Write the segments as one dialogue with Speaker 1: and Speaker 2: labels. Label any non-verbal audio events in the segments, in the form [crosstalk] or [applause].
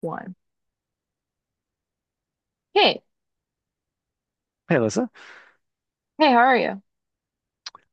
Speaker 1: One. Hey,
Speaker 2: Hey, Alyssa.
Speaker 1: hey, how are you?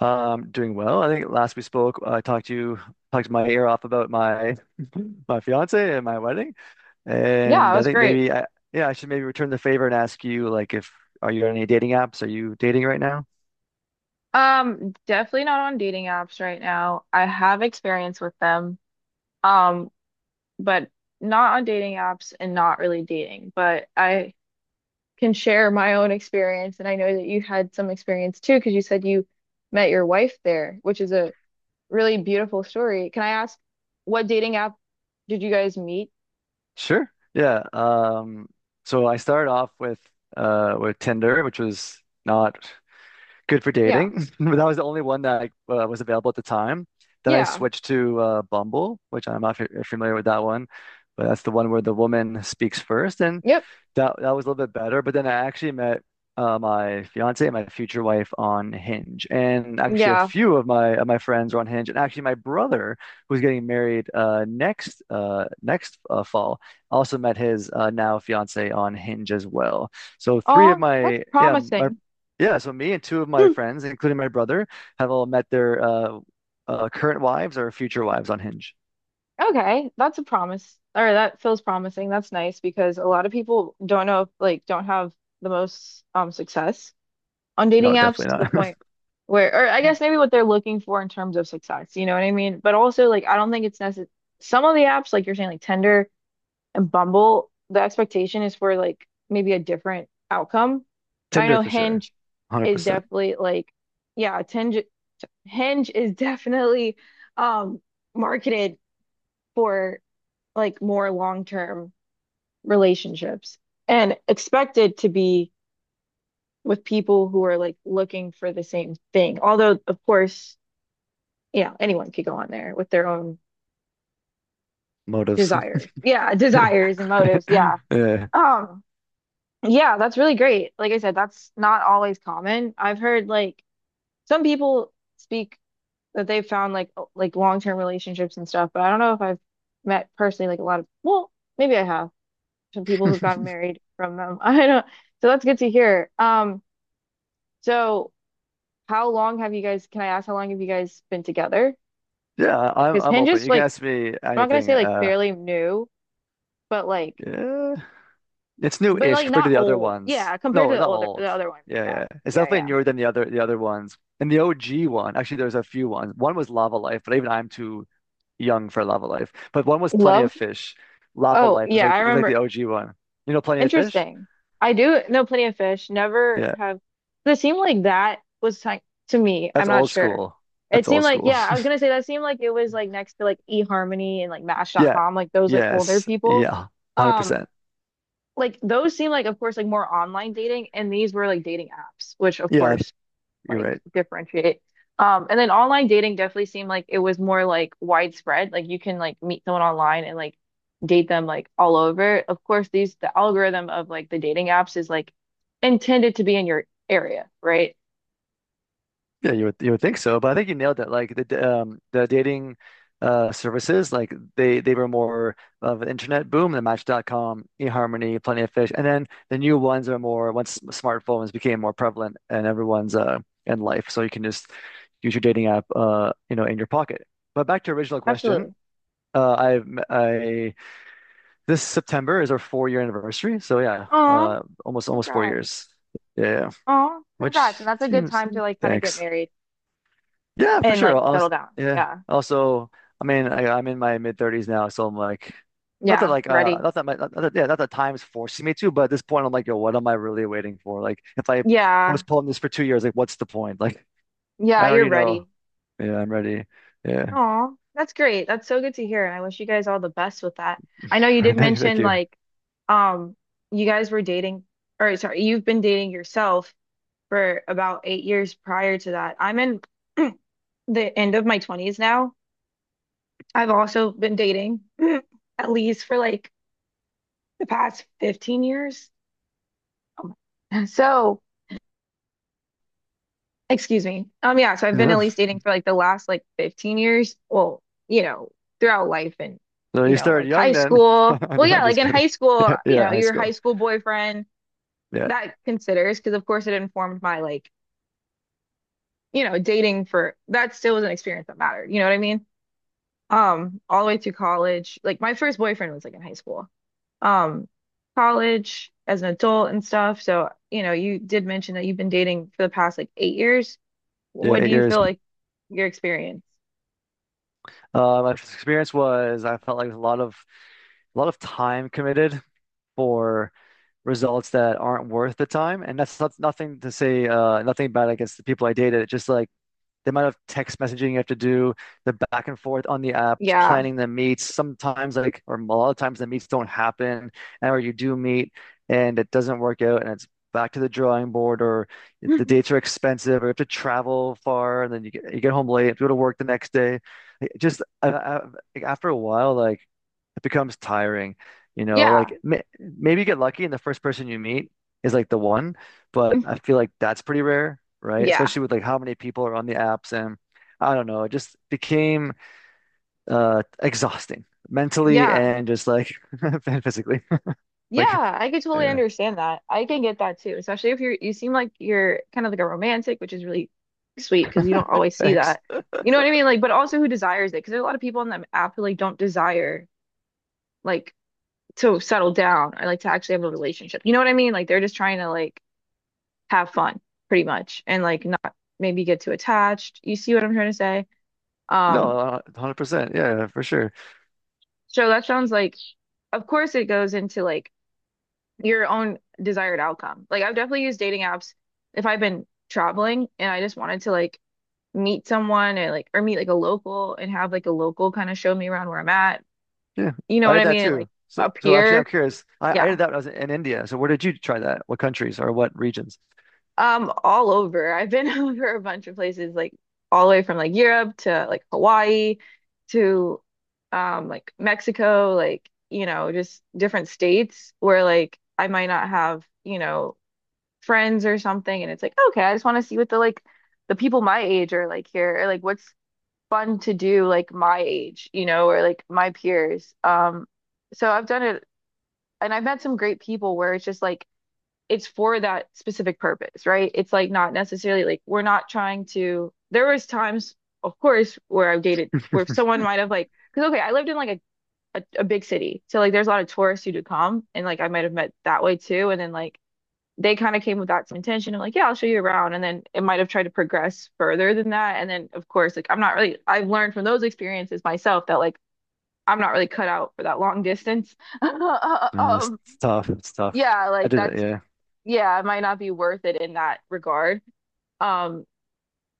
Speaker 2: Doing well. I think last we spoke, I talked to you, talked my ear off about my [laughs] my fiance and my wedding,
Speaker 1: Yeah, it
Speaker 2: and I
Speaker 1: was
Speaker 2: think
Speaker 1: great.
Speaker 2: maybe I yeah I should maybe return the favor and ask you like if are you on any dating apps? Are you dating right now?
Speaker 1: Definitely not on dating apps right now. I have experience with them, um, but not on dating apps and not really dating. But I can share my own experience, and I know that you had some experience too, because you said you met your wife there, which is a really beautiful story. Can I ask what dating app did you guys meet?
Speaker 2: Sure. Yeah. So I started off with with Tinder, which was not good for
Speaker 1: Yeah,
Speaker 2: dating. [laughs] But that was the only one that was available at the time. Then I
Speaker 1: yeah,
Speaker 2: switched to Bumble, which I'm not f familiar with that one, but that's the one where the woman speaks first, and
Speaker 1: yep,
Speaker 2: that was a little bit better, but then I actually met my fiance and my future wife on Hinge, and actually a
Speaker 1: yeah.
Speaker 2: few of my friends are on Hinge, and actually my brother who's getting married next next fall also met his now fiance on Hinge as well. So three of
Speaker 1: Oh, that's
Speaker 2: my yeah my
Speaker 1: promising.
Speaker 2: Yeah, so me and two of my
Speaker 1: [laughs]
Speaker 2: friends, including my brother, have all met their current wives or future wives on Hinge.
Speaker 1: Okay, that's a promise. Or that feels promising. That's nice because a lot of people don't know, like, don't have the most success on dating
Speaker 2: No,
Speaker 1: apps to the
Speaker 2: definitely not.
Speaker 1: point where, or I guess maybe what they're looking for in terms of success, you know what I mean? But also, like, I don't think it's necessary. Some of the apps, like you're saying, like Tinder and Bumble, the expectation is for like maybe a different outcome.
Speaker 2: [laughs]
Speaker 1: But I
Speaker 2: Tinder
Speaker 1: know
Speaker 2: for sure,
Speaker 1: Hinge is
Speaker 2: 100%.
Speaker 1: definitely like, yeah, Tinge Hinge is [laughs] definitely um marketed for like more long-term relationships and expected to be with people who are like looking for the same thing. Although, of course, yeah, anyone could go on there with their own
Speaker 2: Motives.
Speaker 1: desire. Yeah,
Speaker 2: [laughs]
Speaker 1: desires and motives. Yeah.
Speaker 2: Yeah.
Speaker 1: Um, yeah, that's really great. Like I said, that's not always common. I've heard like some people speak that they've found like like long-term relationships and stuff, but I don't know if I've met personally like a lot of, well, maybe I have. Some people who got married from them. [laughs] I don't, so that's good to hear. So how long have you guys, can I ask how long have you guys been together?
Speaker 2: Yeah, I'm
Speaker 1: Because Hinge
Speaker 2: open.
Speaker 1: is
Speaker 2: You can
Speaker 1: like,
Speaker 2: ask me
Speaker 1: I'm not gonna
Speaker 2: anything.
Speaker 1: say like fairly new, but like,
Speaker 2: Yeah, it's
Speaker 1: but
Speaker 2: new-ish
Speaker 1: like
Speaker 2: compared
Speaker 1: not
Speaker 2: to the other
Speaker 1: old.
Speaker 2: ones.
Speaker 1: Yeah, compared to
Speaker 2: No,
Speaker 1: the
Speaker 2: not
Speaker 1: older,
Speaker 2: old.
Speaker 1: the other one.
Speaker 2: Yeah,
Speaker 1: Yeah,
Speaker 2: yeah, it's
Speaker 1: yeah,
Speaker 2: definitely
Speaker 1: yeah.
Speaker 2: newer than the other ones. And the OG one, actually, there's a few ones. One was Lava Life, but even I'm too young for Lava Life. But one was Plenty of
Speaker 1: Love.
Speaker 2: Fish. Lava
Speaker 1: Oh,
Speaker 2: Life was
Speaker 1: yeah,
Speaker 2: like
Speaker 1: I
Speaker 2: was like the
Speaker 1: remember.
Speaker 2: OG one. You know, Plenty of Fish?
Speaker 1: Interesting. I do know plenty of fish. Never
Speaker 2: Yeah,
Speaker 1: have. It seemed like that was ti- To me, I'm
Speaker 2: that's
Speaker 1: not
Speaker 2: old
Speaker 1: sure.
Speaker 2: school.
Speaker 1: It
Speaker 2: That's
Speaker 1: seemed
Speaker 2: old
Speaker 1: like,
Speaker 2: school.
Speaker 1: yeah, I
Speaker 2: [laughs]
Speaker 1: was gonna say that seemed like it was like next to like eHarmony and like Match. Dot
Speaker 2: Yeah.
Speaker 1: com. Like those like older
Speaker 2: Yes.
Speaker 1: people.
Speaker 2: Yeah.
Speaker 1: Um,
Speaker 2: 100%.
Speaker 1: like those seem like of course like more online dating, and these were like dating apps, which of
Speaker 2: Yeah,
Speaker 1: course
Speaker 2: you're
Speaker 1: like
Speaker 2: right.
Speaker 1: differentiate. And then online dating definitely seemed like it was more like widespread. Like you can like meet someone online and like date them like all over. Of course, the algorithm of like the dating apps is like intended to be in your area, right?
Speaker 2: Yeah, you would think so, but I think you nailed it. Like the the dating services, like they were more of an internet boom, the Match.com, eHarmony, Plenty of Fish, and then the new ones are more once smartphones became more prevalent and everyone's in life, so you can just use your dating app you know in your pocket. But back to your original question,
Speaker 1: Absolutely.
Speaker 2: I've m- I this September is our 4 year anniversary, so yeah,
Speaker 1: Oh,
Speaker 2: almost four
Speaker 1: congrats.
Speaker 2: years, yeah, yeah, yeah.
Speaker 1: Oh,
Speaker 2: Which
Speaker 1: congrats. And that's a good
Speaker 2: seems.
Speaker 1: time to like kind of get
Speaker 2: Thanks.
Speaker 1: married
Speaker 2: Yeah, for
Speaker 1: and
Speaker 2: sure.
Speaker 1: like settle
Speaker 2: Also,
Speaker 1: down.
Speaker 2: yeah.
Speaker 1: Yeah.
Speaker 2: Also, I mean, I'm in my mid thirties now, so I'm
Speaker 1: Yeah.
Speaker 2: like,
Speaker 1: Ready.
Speaker 2: not that my, not that, yeah, not that time's forcing me to, but at this point, I'm like, yo, what am I really waiting for? Like, if I
Speaker 1: Yeah.
Speaker 2: postpone this for 2 years, like, what's the point? Like, I
Speaker 1: Yeah, you're
Speaker 2: already know.
Speaker 1: ready.
Speaker 2: Yeah, I'm ready. Yeah,
Speaker 1: Oh, that's great. That's so good to hear. And I wish you guys all the best with that. I know you did
Speaker 2: [laughs] thank
Speaker 1: mention
Speaker 2: you.
Speaker 1: like um you guys were dating or sorry, you've been dating yourself for about 8 years prior to that. I'm in [clears throat] the end of my 20s now. I've also been dating [clears throat] at least for like the past 15 years. Oh [laughs] So excuse me. Yeah, so I've been
Speaker 2: Yeah.
Speaker 1: at least dating for like the last like 15 years. Well, you know, throughout life and,
Speaker 2: So
Speaker 1: you
Speaker 2: you
Speaker 1: know,
Speaker 2: started
Speaker 1: like high
Speaker 2: young then. [laughs]
Speaker 1: school. Well, yeah,
Speaker 2: I'm
Speaker 1: like
Speaker 2: just
Speaker 1: in
Speaker 2: kidding.
Speaker 1: high
Speaker 2: [laughs]
Speaker 1: school,
Speaker 2: Yeah,
Speaker 1: you
Speaker 2: yeah,
Speaker 1: know,
Speaker 2: high
Speaker 1: your high
Speaker 2: school.
Speaker 1: school boyfriend,
Speaker 2: Yeah.
Speaker 1: that considers because of course it informed my like, you know, dating for that still was an experience that mattered. You know what I mean? All the way through college. Like my first boyfriend was like in high school. Um, College as an adult and stuff. So, you know, you did mention that you've been dating for the past like 8 years.
Speaker 2: Yeah,
Speaker 1: What do
Speaker 2: eight
Speaker 1: you
Speaker 2: years.
Speaker 1: feel like your experience?
Speaker 2: My experience was I felt like a lot of time committed for results that aren't worth the time. And that's nothing to say, nothing bad against the people I dated. It's just like the amount of text messaging you have to do, the back and forth on the apps,
Speaker 1: Yeah.
Speaker 2: planning the meets. Sometimes, like, or a lot of times, the meets don't happen, and or you do meet and it doesn't work out, and it's back to the drawing board, or the
Speaker 1: [laughs]
Speaker 2: dates are expensive, or you have to travel far, and then you get home late, have to go to work the next day. Like, just like, after a while, like it becomes tiring. You know,
Speaker 1: Yeah.
Speaker 2: like maybe you get lucky and the first person you meet is like the one, but I feel like that's pretty rare, right?
Speaker 1: Yeah.
Speaker 2: Especially with like how many people are on the apps and I don't know, it just became exhausting mentally
Speaker 1: Yeah.
Speaker 2: and just like [laughs] and physically. [laughs]
Speaker 1: Yeah,
Speaker 2: Like,
Speaker 1: I could totally
Speaker 2: yeah,
Speaker 1: understand that. I can get that too, especially if you seem like you're kind of like a romantic, which is really sweet because you don't always see
Speaker 2: thanks.
Speaker 1: that. You know what I mean? Like, but also who desires it? Because there's a lot of people on the app who like don't desire like to settle down or like to actually have a relationship. You know what I mean? Like they're just trying to like have fun pretty much and like not maybe get too attached. You see what I'm trying to say?
Speaker 2: No,
Speaker 1: Um,
Speaker 2: 100%. Yeah, yeah, for sure.
Speaker 1: so that sounds like of course it goes into like your own desired outcome. Like I've definitely used dating apps if I've been traveling and I just wanted to like meet someone and like or meet like a local and have like a local kind of show me around where I'm at.
Speaker 2: Yeah.
Speaker 1: You know
Speaker 2: I
Speaker 1: what
Speaker 2: had
Speaker 1: I
Speaker 2: that
Speaker 1: mean? And like
Speaker 2: too. So,
Speaker 1: up
Speaker 2: so actually, I'm
Speaker 1: here.
Speaker 2: curious. I
Speaker 1: Yeah.
Speaker 2: did that when I was in India. So, where did you try that? What countries or what regions?
Speaker 1: All over. I've been [laughs] over a bunch of places, like all the way from like Europe to like Hawaii to like Mexico, like, you know, just different states where like I might not have, you know, friends or something and it's like okay I just want to see what the like the people my age are like here or like what's fun to do like my age you know or like my peers so I've done it and I've met some great people where it's just like it's for that specific purpose right it's like not necessarily like we're not trying to there was times of course where I've dated where someone
Speaker 2: [laughs]
Speaker 1: might have like because okay I lived in like a big city so like there's a lot of tourists who do come and like I might have met that way too and then like they kind of came with that intention of like, yeah, I'll show you around. And then it might have tried to progress further than that. And then, of course, like I'm not really, I've learned from those experiences myself that like I'm not really cut out for that long distance. [laughs]
Speaker 2: No,
Speaker 1: Um,
Speaker 2: it's tough. It's tough.
Speaker 1: yeah,
Speaker 2: I
Speaker 1: like
Speaker 2: did it.
Speaker 1: that's,
Speaker 2: Yeah.
Speaker 1: yeah, it might not be worth it in that regard. Um,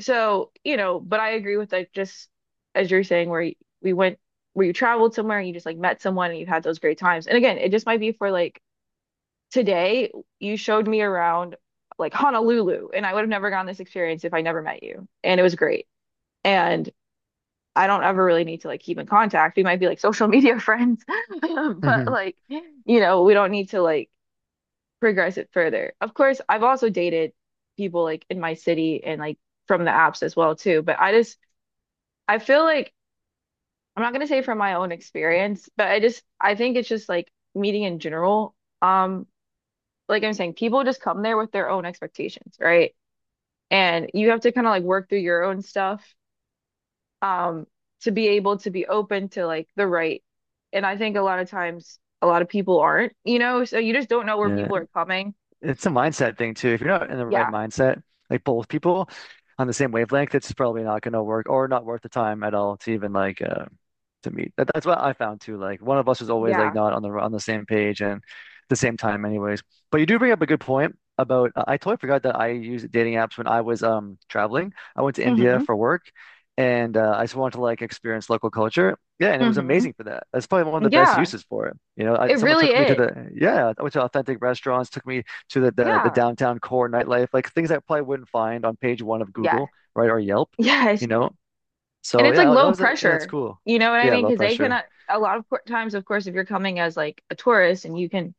Speaker 1: so, you know, but I agree with like just as you're saying, where we went, where you traveled somewhere and you just like met someone and you have had those great times. And again, it just might be for like, today you showed me around like Honolulu, and I would have never gotten this experience if I never met you. And it was great. And I don't ever really need to like keep in contact. We might be like social media friends, [laughs] but
Speaker 2: Hmm.
Speaker 1: like, you know, we don't need to like progress it further. Of course, I've also dated people like in my city and like from the apps as well too, but I feel like I'm not gonna say from my own experience, but I think it's just like meeting in general. Um, like I'm saying, people just come there with their own expectations, right? And you have to kind of like work through your own stuff um to be able to be open to like the right. And I think a lot of times a lot of people aren't, you know, so you just don't know where
Speaker 2: Yeah.
Speaker 1: people are coming.
Speaker 2: It's a mindset thing too. If you're not in the right
Speaker 1: Yeah.
Speaker 2: mindset, like both people on the same wavelength, it's probably not going to work or not worth the time at all to even like to meet. That's what I found too. Like one of us is always like
Speaker 1: Yeah.
Speaker 2: not on the same page and the same time, anyways. But you do bring up a good point about. I totally forgot that I used dating apps when I was traveling. I went to India
Speaker 1: Mm-hmm.
Speaker 2: for work, and I just wanted to like experience local culture. Yeah, and it was
Speaker 1: Mm-hmm.
Speaker 2: amazing for that. That's probably one of the best
Speaker 1: Yeah.
Speaker 2: uses for it. You know,
Speaker 1: It
Speaker 2: someone
Speaker 1: really
Speaker 2: took me to
Speaker 1: is.
Speaker 2: the yeah, I went to authentic restaurants, took me to the
Speaker 1: Yeah.
Speaker 2: downtown core nightlife, like things I probably wouldn't find on page one of
Speaker 1: Yes.
Speaker 2: Google, right, or Yelp.
Speaker 1: Yes.
Speaker 2: You know,
Speaker 1: And
Speaker 2: so
Speaker 1: it's like
Speaker 2: yeah, that
Speaker 1: low
Speaker 2: was a, yeah, it's
Speaker 1: pressure.
Speaker 2: cool.
Speaker 1: You know what I
Speaker 2: Yeah,
Speaker 1: mean?
Speaker 2: low
Speaker 1: Because they
Speaker 2: pressure.
Speaker 1: cannot, a lot of times, of course, if you're coming as like a tourist and you can,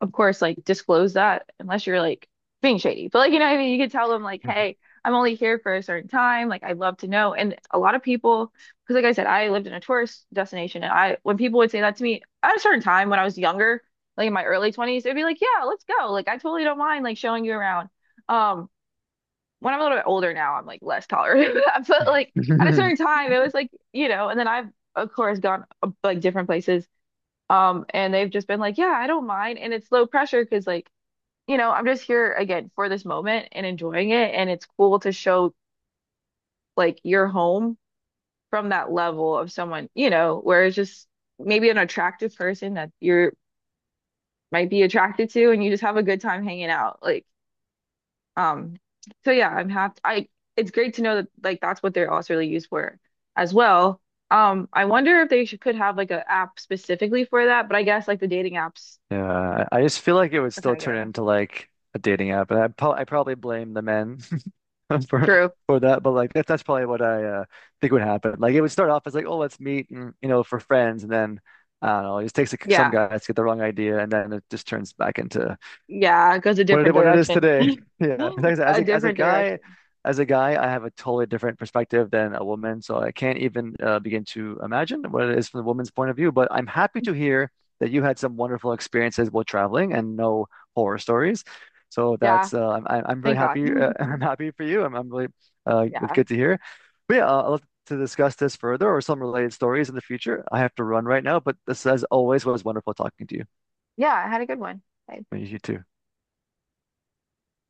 Speaker 1: of course, like disclose that unless you're like being shady. But like, you know what I mean? You can tell them, like, hey, I'm only here for a certain time. Like, I'd love to know. And a lot of people, because like I said, I lived in a tourist destination. And I, when people would say that to me at a certain time when I was younger, like in my early 20s, they'd be like, yeah, let's go. Like, I totally don't mind like showing you around. Um, when I'm a little bit older now, I'm like less tolerant of that. [laughs] But like at a certain
Speaker 2: [laughs]
Speaker 1: time, it was like, you know, and then I've of course gone like different places. And they've just been like, yeah, I don't mind. And it's low pressure because like, you know, I'm just here again for this moment and enjoying it. And it's cool to show like your home from that level of someone, you know, where it's just maybe an attractive person that you're might be attracted to and you just have a good time hanging out. Like Um, so yeah, I'm happy. I It's great to know that like that's what they're also really used for as well. I wonder if could have like an app specifically for that, but I guess like the dating apps
Speaker 2: Yeah, I just feel like it would
Speaker 1: are kind
Speaker 2: still
Speaker 1: of good
Speaker 2: turn
Speaker 1: enough.
Speaker 2: into like a dating app, and I probably blame the men [laughs] for
Speaker 1: True.
Speaker 2: that. But like that's probably what I think would happen. Like it would start off as like, oh, let's meet, and, you know, for friends, and then I don't know, it just takes like, some
Speaker 1: Yeah.
Speaker 2: guys to get the wrong idea, and then it just turns back into
Speaker 1: Yeah, it goes a different
Speaker 2: what it is
Speaker 1: direction.
Speaker 2: today. [laughs]
Speaker 1: [laughs]
Speaker 2: Yeah, like I said,
Speaker 1: A different direction.
Speaker 2: as a guy, I have a totally different perspective than a woman, so I can't even begin to imagine what it is from the woman's point of view. But I'm happy to hear that you had some wonderful experiences while traveling and no horror stories. So
Speaker 1: Yeah,
Speaker 2: that's I'm really
Speaker 1: thank God.
Speaker 2: happy. [laughs] I'm
Speaker 1: [laughs]
Speaker 2: happy for you. I'm really it's
Speaker 1: Yeah.
Speaker 2: good to hear. But yeah, I'll love to discuss this further or some related stories in the future. I have to run right now, but this, as always, was wonderful talking to you.
Speaker 1: Yeah, I had a good one.
Speaker 2: You too.